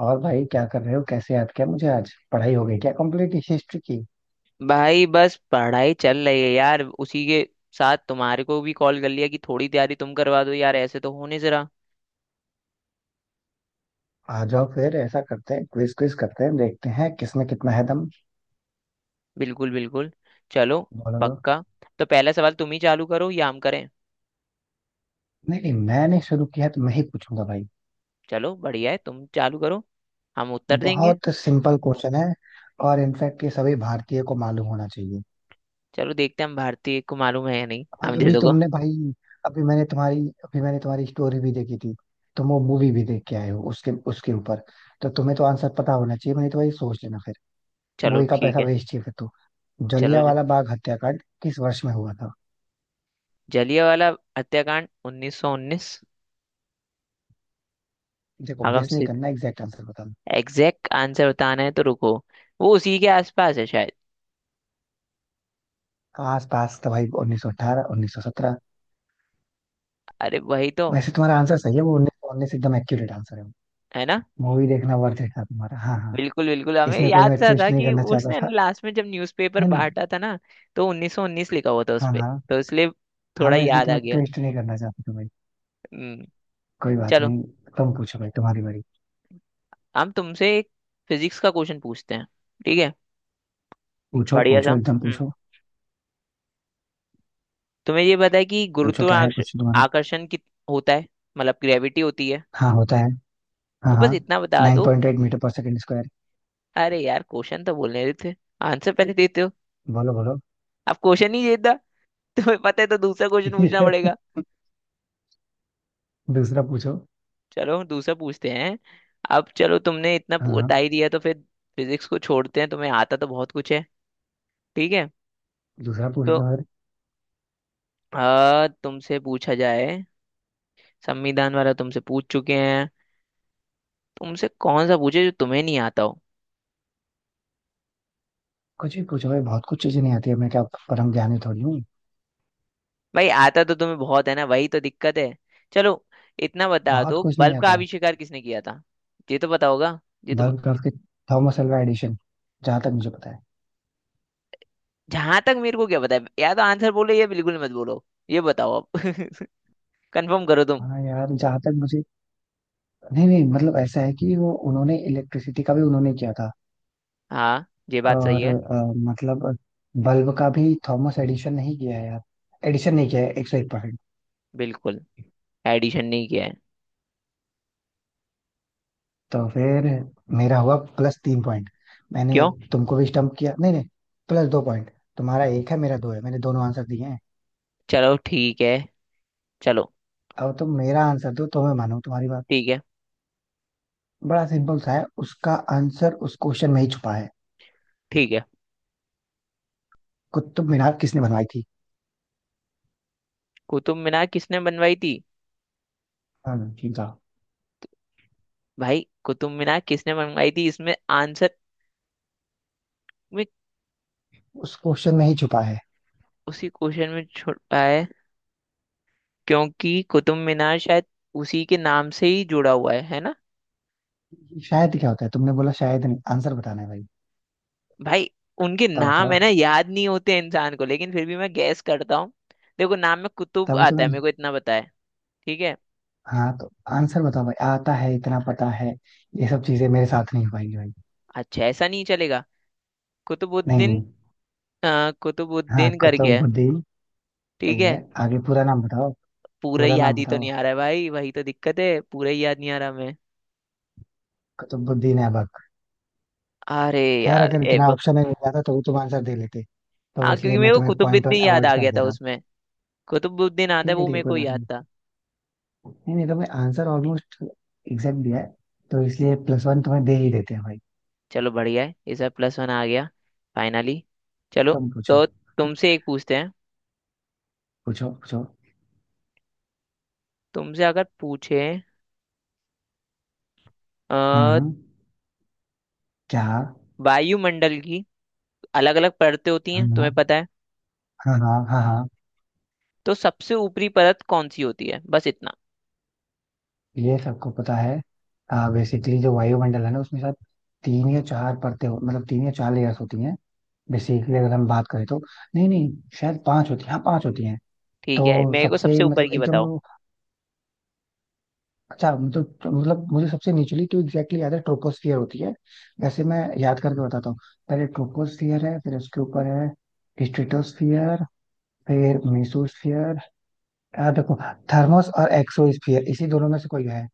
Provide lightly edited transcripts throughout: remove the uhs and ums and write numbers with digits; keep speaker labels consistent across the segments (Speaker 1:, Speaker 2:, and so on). Speaker 1: और भाई, क्या कर रहे हो? कैसे याद किया मुझे? आज पढ़ाई हो गई क्या, कंप्लीट हिस्ट्री की?
Speaker 2: भाई बस पढ़ाई चल रही है यार। उसी के साथ तुम्हारे को भी कॉल कर लिया कि थोड़ी तैयारी तुम करवा दो यार, ऐसे तो हो नहीं जरा।
Speaker 1: आ जाओ, फिर ऐसा करते हैं, क्विज क्विज करते हैं, देखते हैं किसमें कितना है दम।
Speaker 2: बिल्कुल बिल्कुल। चलो।
Speaker 1: बोलो तो।
Speaker 2: पक्का। तो पहला सवाल तुम ही चालू करो या हम करें।
Speaker 1: नहीं नहीं, मैंने शुरू किया है तो मैं ही पूछूंगा भाई।
Speaker 2: चलो बढ़िया है, तुम चालू करो, हम उत्तर देंगे।
Speaker 1: बहुत सिंपल क्वेश्चन है। और इनफैक्ट ये सभी भारतीय को मालूम होना चाहिए।
Speaker 2: चलो देखते हैं हम भारतीय को मालूम है या नहीं,
Speaker 1: और
Speaker 2: हम
Speaker 1: अभी
Speaker 2: जैसे को।
Speaker 1: तुमने भाई, अभी मैंने तुम्हारी, अभी मैंने तुम्हारी स्टोरी भी देखी थी। तुम वो मूवी भी देख के आए हो उसके उसके ऊपर। तो तुम्हें तो आंसर पता होना चाहिए, मैंने तो वही सोच लेना।
Speaker 2: चलो
Speaker 1: मूवी का
Speaker 2: ठीक
Speaker 1: पैसा
Speaker 2: है।
Speaker 1: वेस्ट ही है फिर तो।
Speaker 2: चलो जी।
Speaker 1: जलियांवाला बाग हत्याकांड किस वर्ष में हुआ था?
Speaker 2: जलियांवाला हत्याकांड 1919।
Speaker 1: देखो,
Speaker 2: आगम
Speaker 1: गेस नहीं
Speaker 2: सिद्ध।
Speaker 1: करना, एग्जैक्ट आंसर बताना।
Speaker 2: एग्जैक्ट आंसर बताना है तो रुको। वो उसी के आसपास है शायद।
Speaker 1: आस पास था भाई, 1918, 1917?
Speaker 2: अरे वही तो।
Speaker 1: वैसे तुम्हारा आंसर सही है, वो 1919 एकदम एक्यूरेट आंसर है।
Speaker 2: है ना।
Speaker 1: मूवी देखना वर्थ था तुम्हारा। हाँ हाँ।
Speaker 2: बिल्कुल बिल्कुल, हमें
Speaker 1: इसमें कोई
Speaker 2: याद
Speaker 1: मैं
Speaker 2: सा था
Speaker 1: ट्विस्ट नहीं
Speaker 2: कि
Speaker 1: करना चाहता
Speaker 2: उसने ना
Speaker 1: था।
Speaker 2: लास्ट में जब न्यूज़पेपर
Speaker 1: नहीं नहीं।
Speaker 2: बांटा था ना, तो 1919 लिखा हुआ था उस
Speaker 1: हाँ
Speaker 2: पे,
Speaker 1: हाँ।
Speaker 2: तो इसलिए
Speaker 1: हाँ,
Speaker 2: थोड़ा
Speaker 1: मैं इसमें
Speaker 2: याद आ
Speaker 1: तुम्हें
Speaker 2: गया।
Speaker 1: ट्विस्ट नहीं करना चाहता था भाई।
Speaker 2: हम्म,
Speaker 1: कोई बात
Speaker 2: चलो।
Speaker 1: नहीं। तुम पूछो भाई, तुम्हारी बारी।
Speaker 2: हम तुमसे एक फिजिक्स का क्वेश्चन पूछते हैं। ठीक है।
Speaker 1: पूछो
Speaker 2: बढ़िया सा।
Speaker 1: पूछो, एकदम पूछो।
Speaker 2: तुम्हें ये पता है कि
Speaker 1: पूछो क्या है
Speaker 2: गुरुत्वाकर्षण
Speaker 1: कुछ तुम्हारा?
Speaker 2: आकर्षण कित होता है, मतलब ग्रेविटी होती है,
Speaker 1: हाँ होता है। हाँ
Speaker 2: तो
Speaker 1: हाँ।
Speaker 2: बस इतना बता
Speaker 1: नाइन
Speaker 2: दो।
Speaker 1: पॉइंट एट मीटर पर सेकेंड स्क्वायर।
Speaker 2: अरे यार, क्वेश्चन तो बोलने देते, आंसर पहले देते हो।
Speaker 1: बोलो बोलो।
Speaker 2: अब क्वेश्चन ही देता, तुम्हें पता है, तो दूसरा क्वेश्चन पूछना पड़ेगा।
Speaker 1: दूसरा पूछो।
Speaker 2: चलो दूसरा पूछते हैं। अब चलो, तुमने इतना
Speaker 1: हाँ।
Speaker 2: बता ही दिया, तो फिर फिजिक्स को छोड़ते हैं, तुम्हें आता तो बहुत कुछ है। ठीक है।
Speaker 1: दूसरा पूछ
Speaker 2: तो
Speaker 1: लो यार।
Speaker 2: तुमसे पूछा जाए। संविधान वाला तुमसे पूछ चुके हैं। तुमसे कौन सा पूछे जो तुम्हें नहीं आता हो।
Speaker 1: कुछ भी पूछो भाई, बहुत कुछ चीजें नहीं आती है, मैं क्या परम ज्ञानी थोड़ी हूँ।
Speaker 2: भाई आता तो तुम्हें बहुत है ना, वही तो दिक्कत है। चलो, इतना बता
Speaker 1: बहुत
Speaker 2: दो,
Speaker 1: कुछ नहीं
Speaker 2: बल्ब का
Speaker 1: आता।
Speaker 2: आविष्कार किसने किया था। ये तो पता होगा, ये तो।
Speaker 1: बल्ब कर्व के, थॉमस अल्वा एडिशन, जहां तक मुझे पता है।
Speaker 2: जहां तक मेरे को क्या पता है, या तो आंसर बोलो या बिल्कुल मत बोलो। ये बताओ अब। कंफर्म करो तुम।
Speaker 1: हाँ यार, जहां तक मुझे, नहीं नहीं, मतलब ऐसा है कि वो उन्होंने इलेक्ट्रिसिटी का भी उन्होंने किया था।
Speaker 2: हाँ, ये बात सही
Speaker 1: और
Speaker 2: है।
Speaker 1: मतलब बल्ब का भी थॉमस एडिशन नहीं किया है यार। एडिशन नहीं किया है, 101%।
Speaker 2: बिल्कुल। एडिशन नहीं किया है।
Speaker 1: तो फिर मेरा हुआ प्लस 3 पॉइंट। मैंने
Speaker 2: क्यों।
Speaker 1: तुमको भी स्टम्प किया, नहीं नहीं, प्लस 2 पॉइंट। तुम्हारा एक है, मेरा दो है, मैंने दोनों आंसर दिए हैं।
Speaker 2: चलो ठीक है। चलो।
Speaker 1: अब तुम मेरा आंसर दो तो मैं मानूं तुम्हारी बात।
Speaker 2: ठीक है।
Speaker 1: बड़ा सिंपल सा है उसका आंसर, उस क्वेश्चन में ही छुपा है।
Speaker 2: ठीक है।
Speaker 1: कुतुब मीनार किसने बनवाई थी?
Speaker 2: कुतुब मीनार किसने बनवाई थी।
Speaker 1: हाँ, ठीक है।
Speaker 2: भाई कुतुब मीनार किसने बनवाई थी इसमें, आंसर में,
Speaker 1: उस क्वेश्चन में ही छुपा है।
Speaker 2: उसी क्वेश्चन में छुपा है। क्योंकि कुतुब मीनार शायद उसी के नाम से ही जुड़ा हुआ है ना।
Speaker 1: शायद क्या होता है? तुमने बोला शायद, नहीं आंसर बताना है भाई।
Speaker 2: भाई उनके
Speaker 1: बताओ
Speaker 2: नाम
Speaker 1: बताओ।
Speaker 2: है ना, याद नहीं होते इंसान को, लेकिन फिर भी मैं गैस करता हूँ। देखो, नाम में कुतुब
Speaker 1: तभी तो
Speaker 2: आता है, मेरे
Speaker 1: मैंने।
Speaker 2: को इतना पता है। ठीक है।
Speaker 1: हाँ तो आंसर बताओ भाई, आता है इतना पता है। ये सब चीजें मेरे साथ नहीं हो पाएंगी भाई।
Speaker 2: अच्छा, ऐसा नहीं चलेगा।
Speaker 1: नहीं
Speaker 2: कुतुबुद्दीन।
Speaker 1: नहीं। हाँ,
Speaker 2: कुतुबुद्दीन करके है।
Speaker 1: कुतुबुद्दीन।
Speaker 2: ठीक
Speaker 1: सही
Speaker 2: है।
Speaker 1: है। आगे पूरा नाम बताओ।
Speaker 2: पूरा ही
Speaker 1: पूरा नाम
Speaker 2: याद ही तो
Speaker 1: बताओ,
Speaker 2: नहीं आ रहा है भाई, वही तो दिक्कत है, पूरा ही याद नहीं आ रहा हमें।
Speaker 1: कुतुबुद्दीन ऐबक।
Speaker 2: अरे
Speaker 1: खैर
Speaker 2: यार
Speaker 1: अगर इतना
Speaker 2: ऐबक।
Speaker 1: ऑप्शन में मिल जाता तो भी तुम आंसर दे लेते, तो
Speaker 2: हाँ,
Speaker 1: इसलिए
Speaker 2: क्योंकि मेरे
Speaker 1: मैं
Speaker 2: को
Speaker 1: तुम्हें पॉइंट
Speaker 2: कुतुबुद्दीन
Speaker 1: वन
Speaker 2: याद
Speaker 1: अवॉइड
Speaker 2: आ
Speaker 1: कर
Speaker 2: गया
Speaker 1: दे
Speaker 2: था
Speaker 1: रहा हूँ।
Speaker 2: उसमें। कुतुबुद्दीन आता है,
Speaker 1: ठीक है
Speaker 2: वो
Speaker 1: ठीक है,
Speaker 2: मेरे
Speaker 1: कोई
Speaker 2: को
Speaker 1: बात
Speaker 2: याद
Speaker 1: नहीं।
Speaker 2: था।
Speaker 1: नहीं नहीं, तुम्हें आंसर ऑलमोस्ट एग्जैक्ट दिया है, तो इसलिए +1 तुम्हें दे ही देते हैं भाई।
Speaker 2: चलो बढ़िया है, इस बार प्लस वन आ गया। फाइनली। चलो।
Speaker 1: तुम पूछो।
Speaker 2: तो तुमसे एक पूछते हैं।
Speaker 1: पूछो पूछो।
Speaker 2: तुमसे अगर पूछे अ,
Speaker 1: हाँ। क्या? हाँ।
Speaker 2: वायुमंडल की अलग अलग परतें होती
Speaker 1: हाँ
Speaker 2: हैं, तुम्हें पता है।
Speaker 1: हाँ हाँ हाँ हाँ।
Speaker 2: तो सबसे ऊपरी परत कौन सी होती है, बस इतना।
Speaker 1: ये सबको पता है। बेसिकली जो वायुमंडल है ना, उसमें शायद तीन या चार मतलब तीन या चार लेयर्स होती हैं। बेसिकली अगर हम बात करें तो, नहीं नहीं, शायद पांच होती हैं, हाँ पांच होती हैं।
Speaker 2: ठीक है,
Speaker 1: तो
Speaker 2: मेरे को
Speaker 1: सबसे,
Speaker 2: सबसे ऊपर
Speaker 1: मतलब
Speaker 2: की
Speaker 1: एकदम,
Speaker 2: बताओ।
Speaker 1: अच्छा मतलब, मतलब मुझे सबसे निचली तो एग्जैक्टली याद है, ट्रोपोस्फियर होती है। वैसे मैं याद करके बताता हूँ। पहले ट्रोपोस्फियर है, फिर उसके ऊपर है स्ट्रेटोस्फियर, फिर मेसोस्फियर। देखो, थर्मोस और एक्सोस्फियर, इसी दोनों में से कोई है,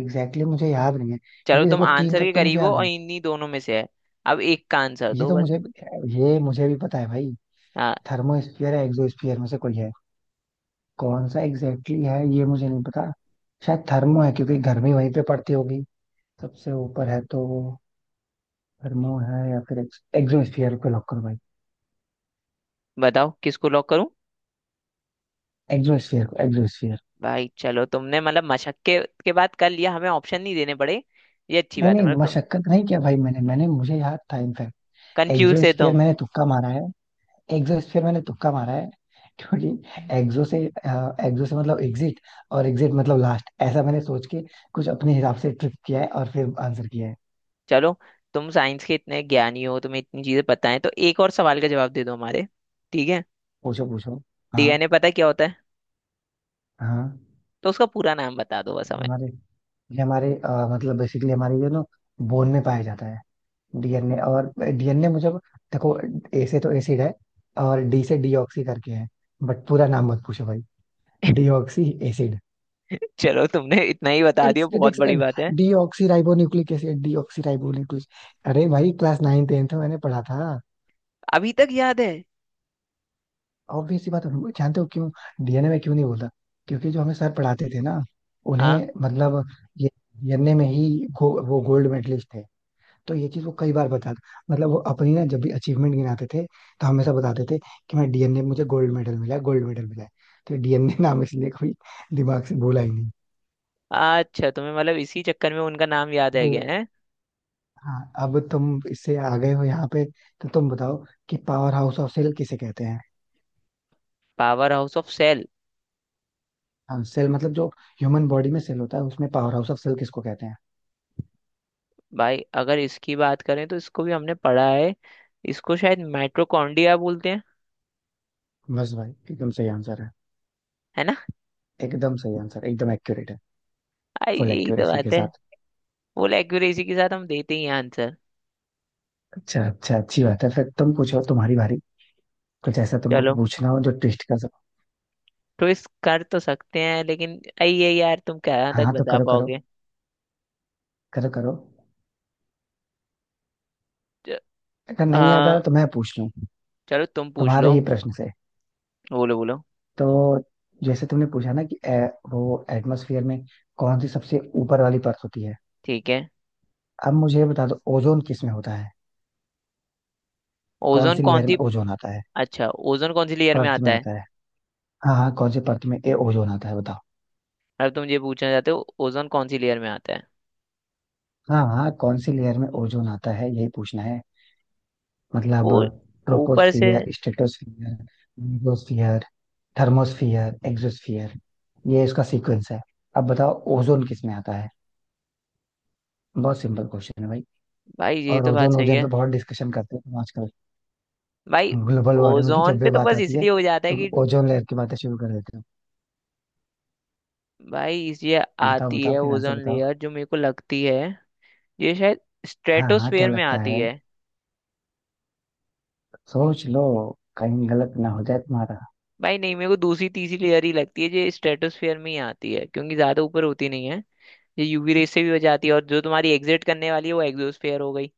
Speaker 1: एग्जैक्टली मुझे याद नहीं है।
Speaker 2: चलो
Speaker 1: क्योंकि
Speaker 2: तुम
Speaker 1: देखो तीन
Speaker 2: आंसर
Speaker 1: तक
Speaker 2: के
Speaker 1: तो मुझे
Speaker 2: करीब हो,
Speaker 1: याद
Speaker 2: और
Speaker 1: है।
Speaker 2: इन्हीं दोनों में से है। अब एक का आंसर
Speaker 1: ये
Speaker 2: दो
Speaker 1: तो
Speaker 2: बस।
Speaker 1: मुझे, ये मुझे भी पता है भाई।
Speaker 2: हाँ।
Speaker 1: थर्मोस्फियर है एक्सोस्फियर में से कोई है, कौन सा एग्जैक्टली है ये मुझे नहीं पता। शायद थर्मो है, क्योंकि गर्मी वहीं पे पड़ती होगी, सबसे ऊपर है तो। थर्मो है, या फिर एक्सोस्फीयर को लॉक करो भाई।
Speaker 2: बताओ किसको लॉक करूं।
Speaker 1: एक्सोस्फीयर को एक्सोस्फीयर।
Speaker 2: भाई चलो, तुमने मतलब मशक्कत के बाद कर लिया, हमें ऑप्शन नहीं देने पड़े। ये अच्छी
Speaker 1: नहीं
Speaker 2: बात है।
Speaker 1: नहीं,
Speaker 2: मतलब तुम
Speaker 1: मशक्कत नहीं किया भाई, मैंने मैंने मुझे याद था इनफैक्ट।
Speaker 2: कंफ्यूज थे
Speaker 1: एक्सोस्फीयर
Speaker 2: तुम।
Speaker 1: मैंने तुक्का मारा है। एक्सोस्फीयर मैंने तुक्का मारा है। क्योंकि एक्सो से मतलब एग्जिट, और एग्जिट मतलब लास्ट, ऐसा मैंने सोच के कुछ अपने हिसाब से ट्रिक किया है और फिर आंसर किया है।
Speaker 2: चलो, तुम साइंस के इतने ज्ञानी हो, तुम्हें इतनी चीजें पता है, तो एक और सवाल का जवाब दे दो हमारे। ठीक है।
Speaker 1: पूछो पूछो। हाँ
Speaker 2: डीएनए पता है क्या होता है।
Speaker 1: हाँ।
Speaker 2: तो उसका पूरा नाम बता दो बस
Speaker 1: ये
Speaker 2: हमें।
Speaker 1: हमारे ये हमारे मतलब बेसिकली हमारे ये ना बोन में पाया जाता है। डीएनए, और डीएनए मुझे, देखो, ए से तो एसिड है, और डी से डीऑक्सी करके है। बट पूरा नाम मत पूछो भाई। Deoxy acid.
Speaker 2: चलो, तुमने इतना ही बता
Speaker 1: एक
Speaker 2: दिया,
Speaker 1: सेकंड
Speaker 2: बहुत
Speaker 1: एक
Speaker 2: बड़ी
Speaker 1: सेकंड।
Speaker 2: बात है।
Speaker 1: Deoxy ribo nucleic acid. Deoxy ribo nucleic. अरे भाई क्लास नाइन टेंथ में मैंने पढ़ा था।
Speaker 2: अभी तक याद है।
Speaker 1: ऑब्वियस सी बात है, जानते हो क्यों डीएनए में क्यों नहीं बोलता? क्योंकि जो हमें सर पढ़ाते थे ना,
Speaker 2: हाँ।
Speaker 1: उन्हें मतलब, ये डीएनए में ही, वो गोल्ड मेडलिस्ट थे, तो ये चीज वो कई बार बता, मतलब वो अपनी ना जब भी अचीवमेंट गिनाते थे तो हमेशा बताते थे कि मैं डीएनए में मुझे गोल्ड मेडल मिला है, गोल्ड मेडल मिला है। तो डीएनए नाम इसलिए कोई दिमाग से भूला ही नहीं।
Speaker 2: अच्छा, तुम्हें मतलब इसी चक्कर में उनका नाम याद है गया
Speaker 1: अब।
Speaker 2: है।
Speaker 1: हाँ, अब तुम इससे आ गए हो यहाँ पे, तो तुम बताओ कि पावर हाउस ऑफ सेल किसे कहते हैं।
Speaker 2: Powerhouse of cell.
Speaker 1: हाँ, सेल मतलब जो ह्यूमन बॉडी में सेल होता है उसमें पावर हाउस ऑफ सेल किसको कहते हैं।
Speaker 2: भाई अगर इसकी बात करें, तो इसको भी हमने पढ़ा है। इसको शायद माइटोकॉन्ड्रिया बोलते हैं।
Speaker 1: बस भाई, एकदम सही आंसर है।
Speaker 2: है ना।
Speaker 1: एकदम सही आंसर, एकदम एक्यूरेट है।
Speaker 2: आई
Speaker 1: फुल
Speaker 2: यही तो
Speaker 1: एक्यूरेसी के
Speaker 2: बात है।
Speaker 1: साथ।
Speaker 2: फुल एक्यूरेसी के साथ हम देते ही आंसर।
Speaker 1: अच्छा अच्छा, अच्छी बात है, फिर तुम पूछो, तुम्हारी बारी। कुछ ऐसा तुमको
Speaker 2: चलो,
Speaker 1: पूछना हो जो ट्विस्ट का।
Speaker 2: ट्विस्ट कर तो सकते हैं, लेकिन आई ये यार तुम कहाँ
Speaker 1: हाँ
Speaker 2: तक
Speaker 1: हाँ, तो
Speaker 2: बता
Speaker 1: करो करो,
Speaker 2: पाओगे।
Speaker 1: करो करो,
Speaker 2: च-
Speaker 1: अगर
Speaker 2: आ,
Speaker 1: नहीं याद आया तो मैं पूछ लूं।
Speaker 2: चलो तुम पूछ
Speaker 1: तुम्हारे
Speaker 2: लो।
Speaker 1: ही प्रश्न से।
Speaker 2: बोलो बोलो।
Speaker 1: तो जैसे तुमने पूछा ना कि वो एटमॉस्फेयर में कौन सी सबसे ऊपर वाली परत होती है।
Speaker 2: ठीक है।
Speaker 1: अब मुझे ये बता दो, ओजोन किस में होता है? कौन
Speaker 2: ओजोन
Speaker 1: सी
Speaker 2: कौन
Speaker 1: लेयर में
Speaker 2: सी।
Speaker 1: ओजोन आता है?
Speaker 2: अच्छा, ओजोन कौन सी लेयर में
Speaker 1: परत
Speaker 2: आता
Speaker 1: में
Speaker 2: है।
Speaker 1: आता है। हाँ हाँ, कौन सी परत में ए ओजोन आता है बताओ।
Speaker 2: अब तुम ये पूछना चाहते हो ओजोन कौन सी लेयर में आता है।
Speaker 1: हाँ हाँ, कौन सी लेयर में ओजोन आता है, यही पूछना है, मतलब
Speaker 2: वो ऊपर से।
Speaker 1: Troposphere, stratosphere, mesosphere, thermosphere, exosphere, ये इसका सीक्वेंस है। अब बताओ ओजोन किस में आता है, बहुत सिंपल क्वेश्चन है भाई।
Speaker 2: भाई ये
Speaker 1: और
Speaker 2: तो बात
Speaker 1: ओजोन,
Speaker 2: सही
Speaker 1: ओजोन
Speaker 2: है।
Speaker 1: पे बहुत डिस्कशन करते हैं आजकल,
Speaker 2: भाई
Speaker 1: ग्लोबल वार्मिंग की
Speaker 2: ओजोन
Speaker 1: जब
Speaker 2: पे
Speaker 1: भी
Speaker 2: तो
Speaker 1: बात
Speaker 2: बस
Speaker 1: आती है
Speaker 2: इसलिए हो जाता है
Speaker 1: तो
Speaker 2: कि,
Speaker 1: ओजोन लेयर की बातें शुरू कर देते हो।
Speaker 2: भाई ये
Speaker 1: बताओ
Speaker 2: आती
Speaker 1: बताओ,
Speaker 2: है
Speaker 1: फिर आंसर
Speaker 2: ओजोन
Speaker 1: बताओ।
Speaker 2: लेयर, जो मेरे को लगती है, ये शायद
Speaker 1: हाँ हाँ, क्या
Speaker 2: स्ट्रेटोस्फेयर में
Speaker 1: लगता
Speaker 2: आती
Speaker 1: है,
Speaker 2: है।
Speaker 1: सोच लो, कहीं गलत ना हो जाए तुम्हारा।
Speaker 2: भाई नहीं, मेरे को दूसरी तीसरी लेयर ही लगती है, ये स्ट्रेटोस्फेयर में ही आती है, क्योंकि ज्यादा ऊपर होती नहीं है। ये यूवी रेस से भी बच जाती है, और जो तुम्हारी एग्जिट करने वाली है वो एग्जोस्फेयर हो गई,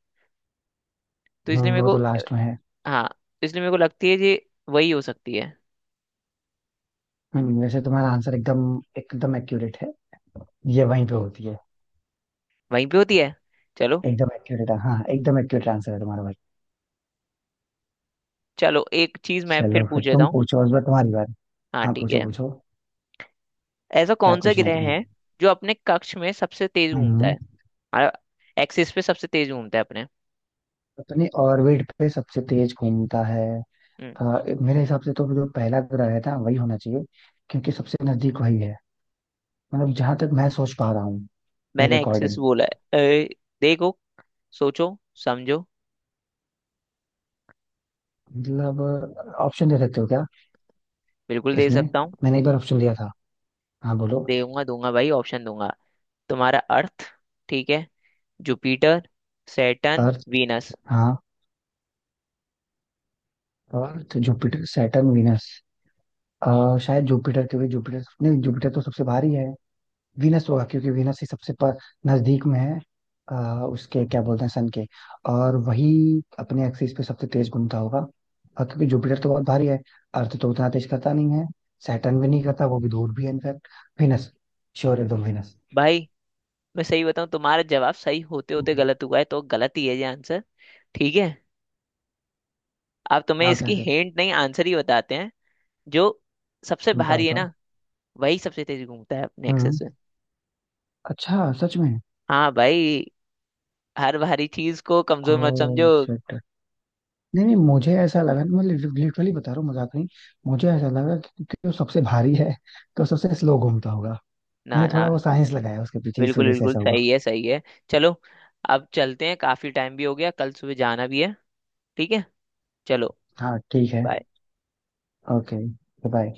Speaker 2: तो इसलिए मेरे
Speaker 1: वो
Speaker 2: को।
Speaker 1: तो लास्ट में है।
Speaker 2: हाँ, इसलिए मेरे को लगती है ये वही हो सकती है।
Speaker 1: वैसे तुम्हारा आंसर एकदम, एकदम एक्यूरेट है, ये वहीं पे होती है।
Speaker 2: वहीं पे होती है। चलो।
Speaker 1: एकदम एक्यूरेट, हाँ एकदम एक्यूरेट आंसर है तुम्हारा भाई।
Speaker 2: चलो एक चीज मैं फिर
Speaker 1: चलो फिर
Speaker 2: पूछ लेता
Speaker 1: तुम
Speaker 2: हूँ।
Speaker 1: पूछो, इस बार तुम्हारी बार।
Speaker 2: हाँ
Speaker 1: हाँ,
Speaker 2: ठीक
Speaker 1: पूछो
Speaker 2: है।
Speaker 1: पूछो।
Speaker 2: ऐसा
Speaker 1: क्या
Speaker 2: कौन सा
Speaker 1: पूछना है
Speaker 2: ग्रह
Speaker 1: तुम्हें?
Speaker 2: है जो अपने कक्ष में सबसे तेज घूमता
Speaker 1: हम्म।
Speaker 2: है, एक्सिस पे सबसे तेज घूमता है अपने।
Speaker 1: अपने ऑर्बिट पे सबसे तेज घूमता है?
Speaker 2: हम्म,
Speaker 1: मेरे हिसाब से तो जो पहला ग्रह है ना वही होना चाहिए, क्योंकि सबसे नजदीक वही है, मतलब जहां तक मैं सोच पा रहा हूँ, मेरे
Speaker 2: मैंने एक्सेस
Speaker 1: अकॉर्डिंग।
Speaker 2: बोला है। देखो, सोचो, समझो।
Speaker 1: मतलब ऑप्शन दे सकते हो क्या
Speaker 2: बिल्कुल दे
Speaker 1: इसमें?
Speaker 2: सकता हूँ।
Speaker 1: मैंने एक बार ऑप्शन दिया था। हाँ बोलो।
Speaker 2: दूंगा दूंगा भाई ऑप्शन दूंगा। तुम्हारा अर्थ, ठीक है, जुपिटर, सैटर्न,
Speaker 1: अर्थ।
Speaker 2: वीनस।
Speaker 1: हाँ, अर्थ, जुपिटर, सैटर्न, वीनस। शायद जुपिटर, क्योंकि जुपिटर, नहीं जुपिटर तो सबसे भारी है, वीनस होगा क्योंकि वीनस ही सबसे पर नजदीक में है। अ, उसके क्या बोलते हैं सन के, और वही अपने एक्सिस पे सबसे तेज घूमता होगा, और क्योंकि जुपिटर तो बहुत भारी है, अर्थ तो उतना तेज करता नहीं है, सैटर्न भी नहीं करता, वो भी दूर भी है इनफैक्ट, वीनस, श्योर एकदम वीनस।
Speaker 2: भाई मैं सही बताऊं, तुम्हारा जवाब सही होते होते
Speaker 1: हम्म।
Speaker 2: गलत हुआ है, तो गलत ही है ये आंसर। ठीक है, अब तुम्हें
Speaker 1: क्या होता
Speaker 2: इसकी
Speaker 1: है फिर?
Speaker 2: हिंट नहीं आंसर ही बताते हैं। जो सबसे
Speaker 1: बताओ
Speaker 2: भारी है
Speaker 1: बताओ।
Speaker 2: ना, वही सबसे तेज घूमता है अपने एक्सेस
Speaker 1: हम्म।
Speaker 2: में।
Speaker 1: अच्छा, सच में?
Speaker 2: हाँ भाई, हर भारी चीज को कमजोर मत समझो।
Speaker 1: Oh shit. नहीं नहीं, मुझे ऐसा लगा, मैं लिटरली बता रहा हूँ, मजाक नहीं, मुझे ऐसा लगा कि क्योंकि वो सबसे भारी है तो सबसे स्लो घूमता होगा।
Speaker 2: ना
Speaker 1: मैंने थोड़ा
Speaker 2: ना।
Speaker 1: वो साइंस लगाया उसके पीछे, इस
Speaker 2: बिल्कुल
Speaker 1: वजह से
Speaker 2: बिल्कुल,
Speaker 1: ऐसा हुआ।
Speaker 2: सही है, सही है। चलो, अब चलते हैं, काफी टाइम भी हो गया, कल सुबह जाना भी है। ठीक है। चलो।
Speaker 1: हाँ ठीक है।
Speaker 2: bye।
Speaker 1: ओके। बाय।